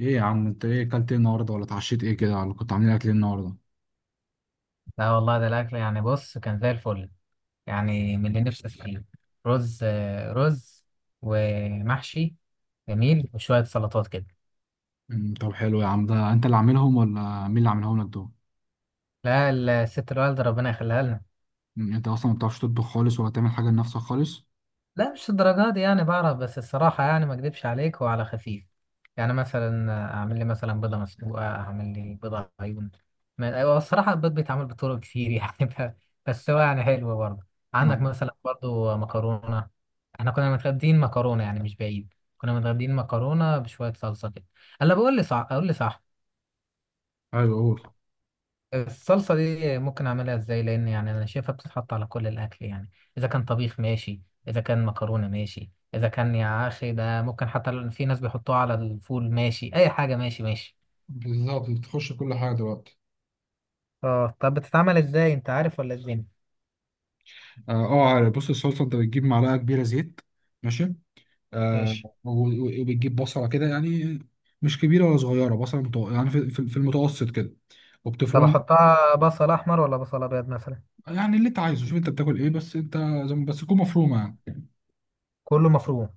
ايه يا عم انت ايه اكلت ايه النهارده ولا اتعشيت ايه كده ولا كنت عاملين اكل ايه النهارده؟ لا والله، ده الأكل يعني بص كان زي الفل. يعني من اللي نفسي فيه. رز، رز ومحشي جميل وشوية سلطات كده. طب حلو يا عم، ده انت اللي عاملهم ولا مين اللي عاملهم لك دول؟ لا، الست الوالدة ربنا يخليها لنا. انت اصلا ما بتعرفش تطبخ خالص ولا تعمل حاجه لنفسك خالص؟ لا مش الدرجات دي، يعني بعرف بس الصراحة يعني ما اكدبش عليك هو على خفيف. يعني مثلا اعمل لي مثلا بيضة مسلوقة، اعمل لي بيضة عيون. هو الصراحة البيض بيتعمل بطرق كتير يعني بس هو يعني حلو برضه. عندك نعم. مثلا برضه مكرونة. احنا كنا متغدين مكرونة، يعني مش بعيد كنا متغدين مكرونة بشوية صلصة كده. هلا بقول لي صح، اقول لي صح. ايوه، قول. الصلصة دي ممكن أعملها إزاي؟ لأن يعني أنا شايفها بتتحط على كل الأكل يعني. إذا كان طبيخ ماشي، إذا كان مكرونة ماشي، إذا كان يا أخي ده ممكن حتى في ناس بيحطوها على الفول ماشي، أي حاجة ماشي ماشي. بالظبط، بتخش كل حاجة دلوقتي. اه طب بتتعمل إزاي، أنت عارف ولا إزاي؟ اه، آه، عارف. بص، الصلصه انت بتجيب معلقه كبيره زيت. ماشي. آه ماشي. و- و- وبتجيب بصله كده يعني، مش كبيره ولا صغيره، بصله يعني في المتوسط كده، طب وبتفرم. أحطها بصل أحمر ولا بصل أبيض مثلا؟ يعني اللي انت عايزه، شوف انت بتاكل ايه بس انت. زي ما- بس تكون مفرومه يعني. كله مفروم.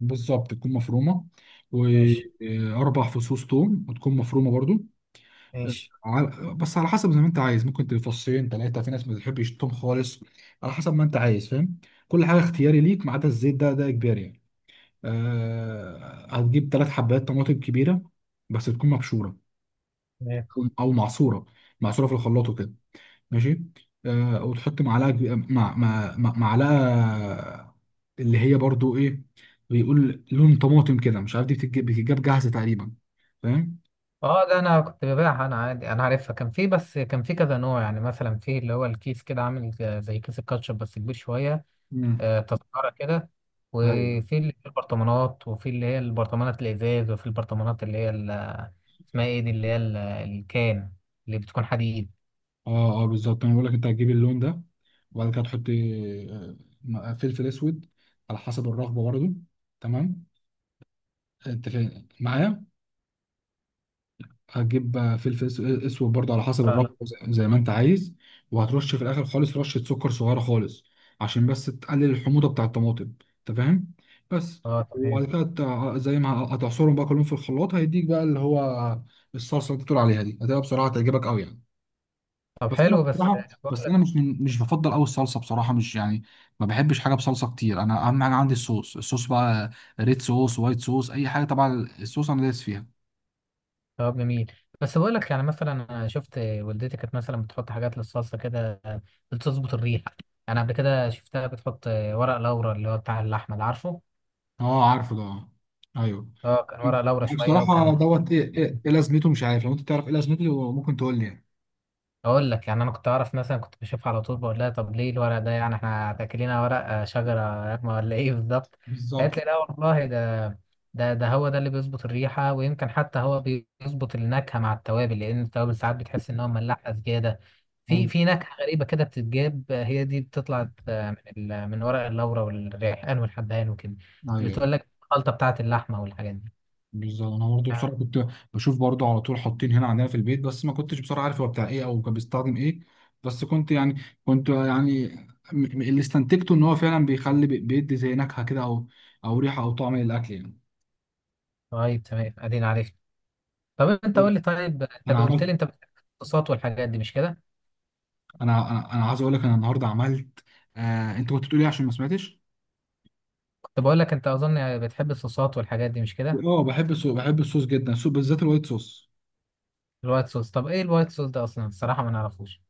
بالظبط تكون مفرومه. ماشي و4 فصوص ثوم، وتكون مفرومه برضو. آه، ماشي. بس على حسب زي ما انت عايز، ممكن تفصين 3، في ناس ما بتحبش الثوم خالص. على حسب ما انت عايز، فاهم. كل حاجه اختياري ليك، ما عدا الزيت، ده اجباري يعني. هتجيب 3 حبات طماطم كبيره، بس تكون مبشوره تمام. او معصوره، معصوره في الخلاط وكده. ماشي. وتحط معلقه معلقه، اللي هي برضو ايه، بيقول لون طماطم كده، مش عارف، دي بتتجاب جاهزه تقريبا. فاهم. اه ده انا كنت ببيعها انا عادي، انا عارفها، كان في كذا نوع، يعني مثلا في اللي هو الكيس كده عامل زي كيس الكاتشب بس كبير شويه. مم. تذكرة كده. ايوه. وفي اللي في البرطمانات، وفي اللي هي البرطمانات الإزاز، وفي البرطمانات اللي هي اسمها إيه دي اللي هي الكان، اللي بتكون حديد. اه اه، بالظبط انا بقول لك انت هتجيب اللون ده، وبعد كده تحط فلفل اسود، على حسب الرغبه برضو. تمام. انت فاهم معايا. هتجيب اسود برضه على حسب لا لا. الرغبه، زي ما انت عايز. وهترش في الاخر خالص رشه سكر صغيره خالص، عشان بس تقلل الحموضه بتاع الطماطم. انت فاهم. بس. اه وبعد تمام. كده زي ما، هتعصرهم بقى كلهم في الخلاط، هيديك بقى اللي هو الصلصه اللي انت بتقول عليها دي، هتبقى بصراحه تعجبك قوي يعني. طب بس انا حلو، بس بصراحه، بقول بس انا لك. مش بفضل قوي الصلصه بصراحه، مش يعني، ما بحبش حاجه بصلصه كتير، انا اهم حاجه عندي الصوص، الصوص بقى، ريد صوص، وايت صوص، اي حاجه، طبعا الصوص انا دايس فيها. طب جميل، بس بقول لك يعني مثلا أنا شفت والدتي كانت مثلا بتحط حاجات للصلصة كده، بتظبط الريحة. أنا قبل كده شفتها بتحط ورق لورا، اللي هو بتاع اللحمة اللي عارفه. اه عارفه ده، اه. ايوه. اه كان ورق لورا أنا شوية، بصراحه وكان. دوت ايه ايه إيه لازمته، مش عارف، لو انت تعرف ايه لازمته ممكن تقول لي يعني. اقول لك، يعني انا كنت اعرف، مثلا كنت بشوفها على طول بقول لها طب ليه الورق ده، يعني احنا تاكلينها ورق، شجره راكمه ولا ايه بالظبط؟ بالظبط. قالت لي لا والله، ده ده هو ده اللي بيظبط الريحه، ويمكن حتى هو بيظبط النكهه مع التوابل، لان التوابل ساعات بتحس ان هو ملاحه زياده، في ايوه، في نكهه غريبه كده بتتجاب، هي دي بتطلع من من ورق اللورا والريحان والحبهان وكده. ايوه. بتقول لك الخلطه بتاعه اللحمه والحاجات دي. بالظبط انا برضه آه، بصراحه كنت بشوف برضه على طول حاطين هنا عندنا في البيت، بس ما كنتش بصراحه عارف هو بتاع ايه او كان بيستخدم ايه. بس كنت يعني اللي استنتجته ان هو فعلا بيخلي بيدي زي نكهه كده، او ريحه او طعم للاكل يعني. طيب تمام ادينا عارف. طب انت قول لي، طيب انت انا قلت عملت. لي انت بتحب الصوصات والحاجات دي مش كده. انا انا أنا عايز اقول لك انا النهارده عملت. انت كنت بتقول ايه عشان ما سمعتش. كنت بقول لك انت اظن بتحب الصوصات والحاجات دي مش كده. اه، بحب الصوص، بحب الصوص جدا، الصوص بالذات الوايت صوص. الوايت صوص، طب ايه الوايت صوص ده اصلا؟ الصراحه ما نعرفوش.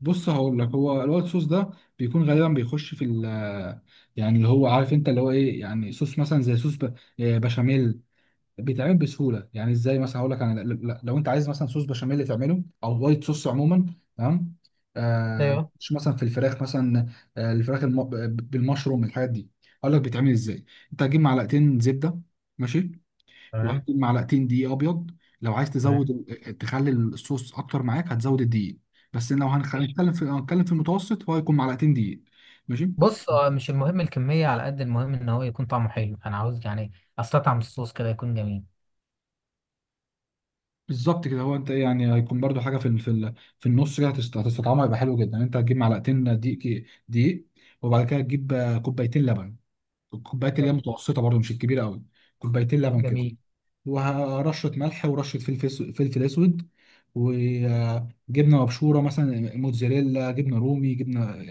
بص هقول لك، هو الوايت صوص ده بيكون غالبا بيخش في ال، يعني اللي هو، عارف انت اللي هو ايه، يعني صوص مثلا زي صوص بشاميل. بيتعمل بسهوله، يعني ازاي مثلا هقول لك انا، لو انت عايز مثلا صوص بشاميل تعمله او وايت صوص عموما. تمام. ايوه. مش مثلا في الفراخ مثلا، الفراخ بالمشروم الحاجات دي. هقول لك بيتعمل ازاي. انت هتجيب معلقتين زبده. ماشي. تمام. وهتكون معلقتين دقيق ابيض. لو عايز تزود تمام. تخلي الصوص اكتر معاك، هتزود الدقيق. بس لو ماشي. هنتكلم في المتوسط، هو هيكون معلقتين دقيق. ماشي. بص اه، مش المهم الكميه على قد المهم ان هو يكون طعمه حلو، انا عاوز يعني استطعم الصوص كده يكون جميل. بالظبط كده، هو انت إيه يعني، هيكون برضو حاجه في النص كده، هتستطعمها، هيبقى حلو جدا. انت هتجيب معلقتين دقيق. وبعد كده تجيب كوبايتين لبن. الكوبايات اللي هي جميل. متوسطه برضو، مش الكبيره قوي. كوبايتين لبن كده. جميل. ورشة ملح، ورشة فلفل أسود. وجبنة مبشورة مثلا، موتزاريلا، جبنة رومي، جبنة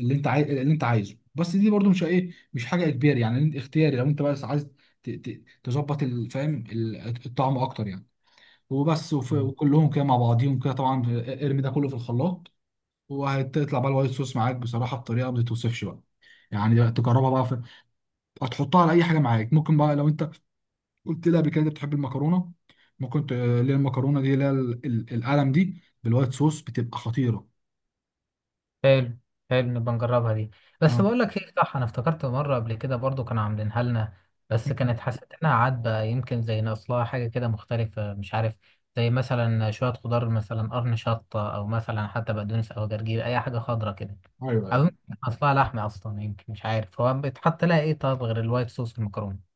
اللي أنت عايز، اللي أنت عايزه. بس دي برضو مش إيه، مش حاجة إجباري يعني، أنت اختياري، لو أنت بس عايز تظبط فاهم الطعم أكتر يعني. وبس، وكلهم كده مع بعضيهم كده طبعا، ارمي ده كله في الخلاط، وهتطلع بقى الوايت صوص معاك بصراحة بطريقة ما تتوصفش بقى. يعني تجربها بقى في. هتحطها على اي حاجه معاك. ممكن بقى لو انت قلت لها قبل كده انت بتحب المكرونه، ما كنت، اللي هي المكرونه دي، اللي هي القلم دي، بالوايت صوص بتبقى خطيره. حلو. حلو، نبقى نجربها دي. بس اه، بقول لك ايه، صح، انا افتكرت مره قبل كده برضو كانوا عاملينها لنا، بس كانت حسيت انها عدبه، يمكن زي ناقص لها حاجه كده مختلفه مش عارف، زي مثلا شويه خضار، مثلا قرن شطه، او مثلا حتى بقدونس او جرجير، اي حاجه خضرا كده. او ايوه. يمكن ناقص لها لحمه اصلا، يمكن مش عارف هو بيتحط لها ايه، طب غير الوايت صوص المكرونه؟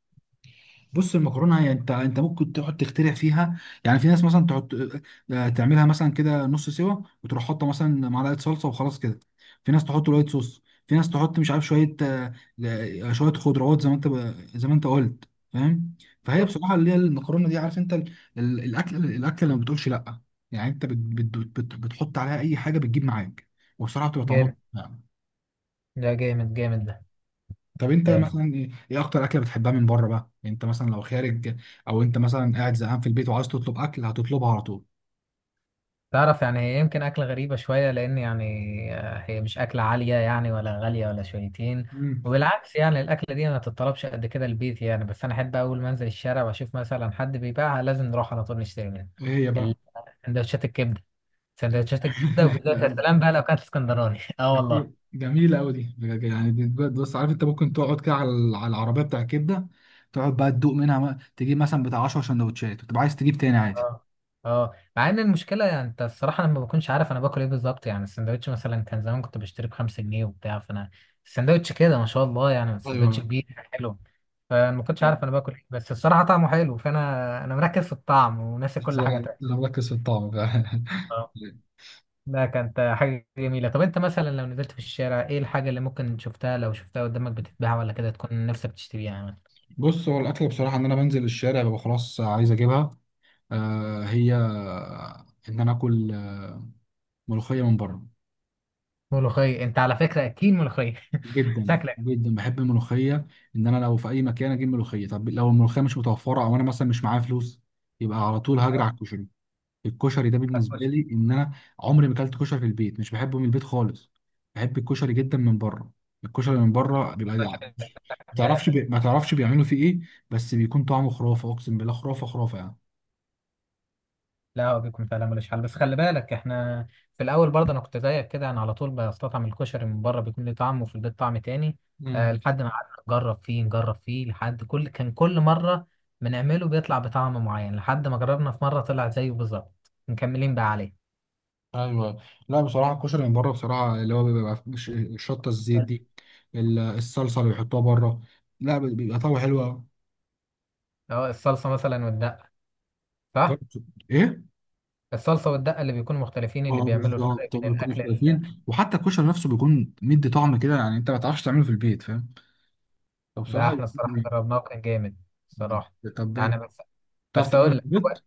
بص، المكرونه يعني انت ممكن تقعد تخترع فيها. يعني في ناس مثلا تحط تعملها مثلا كده نص سوا، وتروح حاطه مثلا معلقه صلصه وخلاص كده. في ناس تحط وايت صوص، في ناس تحط، مش عارف، شويه شويه خضروات، زي ما انت قلت. فاهم. فهي حلو. بصراحه اللي هي المكرونه دي، عارف انت الاكل اللي ما بتقولش لا، يعني انت بت- بت- بت- بت بتحط عليها اي حاجه بتجيب معاك، وبصراحه بتبقى طعمها. جامد، ده جامد جامد ده. طب انت حلو. مثلا ايه اكتر اكله بتحبها من بره بقى، يعني انت مثلا لو خارج، او انت مثلا قاعد زهقان في البيت وعايز تطلب اكل، هتطلبها على طول. تعرف يعني هي يمكن أكلة غريبة شوية، لأن يعني هي مش أكلة عالية يعني، ولا غالية ولا شويتين. امم وبالعكس يعني الأكلة دي ما تتطلبش قد كده البيت يعني، بس أنا أحب أول ما أنزل الشارع وأشوف مثلا حد بيبيعها لازم نروح على طول نشتري منها. ايه هي بقى؟ ال- سندوتشات الكبدة. سندوتشات الكبدة، وبالذات يا لا، سلام بقى لو كانت اسكندراني أه والله. جميله قوي دي بجد، يعني دي بجد. بص عارف انت ممكن تقعد كده على العربيه بتاع الكبده، تقعد بقى تدوق منها بقى، تجيب مثلا بتاع 10 سندوتشات، وتبقى عايز تجيب تاني عادي. اه. اه مع ان المشكله، يعني انت الصراحه انا ما بكونش عارف انا باكل ايه بالظبط، يعني السندوتش مثلا كان زمان كنت بشتري ب5 جنيه وبتاع، فانا السندوتش كده ما شاء الله يعني، السندوتش ايوه، كبير حلو، فانا ما كنتش بالظبط. عارف انا باكل ايه، بس الصراحه طعمه حلو، فانا انا مركز في الطعم وناسي بس كل حاجه انا تانية. مركز في الطعم بقى. اه، ده كانت حاجه جميله. طب انت مثلا لو نزلت في الشارع، ايه الحاجه اللي ممكن شفتها لو شفتها قدامك بتتباع ولا كده تكون نفسك تشتريها يعني؟ بص، هو الاكل بصراحه، ان انا بنزل الشارع، ببقى خلاص عايز اجيبها. هي ان انا اكل ملوخيه من بره. ملوخيه، انت على فكره اكيد ملوخيه جدا شكلك. جدا بحب الملوخيه. ان انا لو في اي مكان اجيب ملوخيه. طب لو الملوخيه مش متوفره، او انا مثلا مش معايا فلوس، يبقى على طول هجري على الكشري. الكشري ده بالنسبه هتخش- لي، ان انا عمري ما اكلت كشري في البيت، مش بحبه من البيت خالص، بحب الكشري جدا من بره. الكشري من بره بيبقى هتخش. ما تعرفش بيعملوا فيه ايه، بس بيكون طعمه خرافه، اقسم بالله، خرافه خرافه. لا هو بيكون فعلا ملوش حل، بس خلي بالك احنا في الاول برضه انا كنت زيك كده، انا على طول بستطعم الكشري من بره بيكون ليه طعم وفي البيت طعم تاني. أه يعني. لحد ما قعدنا نجرب فيه، لحد كل مره بنعمله بيطلع بطعم معين، لحد ما جربنا في مره طلع زيه بالظبط، مكملين بقى عليه. ايوه. لا بصراحه، الكشري من بره بصراحه اللي هو بيبقى شطه الزيت دي، الصلصه اللي بيحطوها بره، لا بيبقى طعمه حلو أوي. اه الصلصه مثلا والدقه، صح. فرق- ايه. الصلصه والدقه اللي بيكونوا مختلفين، اللي اه بيعملوا الفرق بالظبط، بين بيكونوا الاكل مختلفين، وحتى الكشري نفسه بيكون مدي طعم كده، يعني انت ما تعرفش تعمله في البيت فاهم. ده فبصراحه احنا الصراحه بيكون. جربناه وكان جامد الصراحه. طب إيه؟ يعني بس. بتعرف تعمله اقول في لك، البيت. هو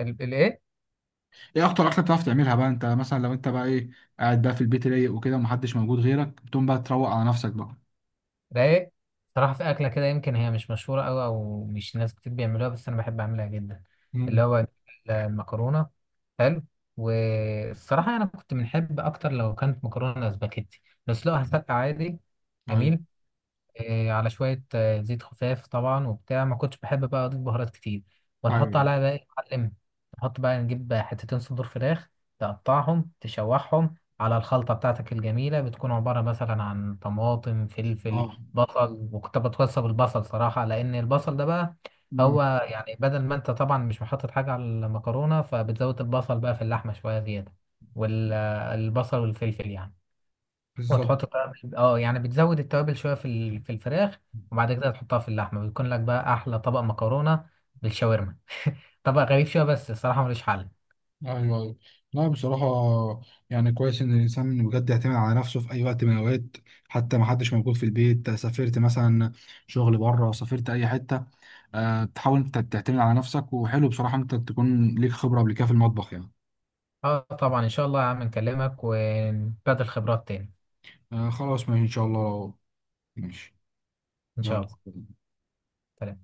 الايه. ايه اكتر اكله بتعرف تعملها بقى، انت مثلا لو انت بقى قاعد بقى في البيت رايق وكده، ومحدش موجود غيرك، بتقوم بقى تروق على نفسك بقى. رايق. صراحة في أكلة كده يمكن هي مش مشهورة أوي، أو مش ناس كتير بيعملوها، بس أنا بحب أعملها جدا. اللي امم هو المكرونة. حلو. والصراحة أنا كنت بنحب أكتر لو كانت مكرونة سباكيتي، بس لو هسلق عادي. ايوه، جميل. إيه، على شوية زيت خفاف طبعا وبتاع، ما كنتش بحب بقى أضيف بهارات كتير. ونحط ايوه، عليها بقى إيه يا معلم، نحط بقى، نجيب بقى حتتين صدور فراخ، تقطعهم تشوحهم على الخلطة بتاعتك الجميلة، بتكون عبارة مثلا عن طماطم، فلفل، اه، بصل. وكنت بتوصى بالبصل صراحة، لأن البصل ده بقى امم هو يعني بدل ما أنت طبعا مش محطط حاجة على المكرونة، فبتزود البصل بقى في اللحمة شوية زيادة، والبصل والفلفل يعني. بالظبط، وتحط توابل، اه يعني بتزود التوابل شويه في في الفراخ، وبعد كده تحطها في اللحمه، بيكون لك بقى احلى طبق مكرونه بالشاورما. طبق غريب شويه بس الصراحه ملوش حل. ايوه، ايوه. لا بصراحه، يعني كويس ان الانسان بجد يعتمد على نفسه في اي وقت من الاوقات. حتى ما حدش موجود في البيت، سافرت مثلا، شغل بره، سافرت اي حته. أه تحاول انت تعتمد على نفسك، وحلو بصراحه انت تكون ليك خبره قبل كده في المطبخ يعني. اه طبعا ان شاء الله يا عم، نكلمك ونبادل خبرات تاني. أه خلاص، ماشي ان شاء الله. ماشي. ان شاء يلا. الله. سلام.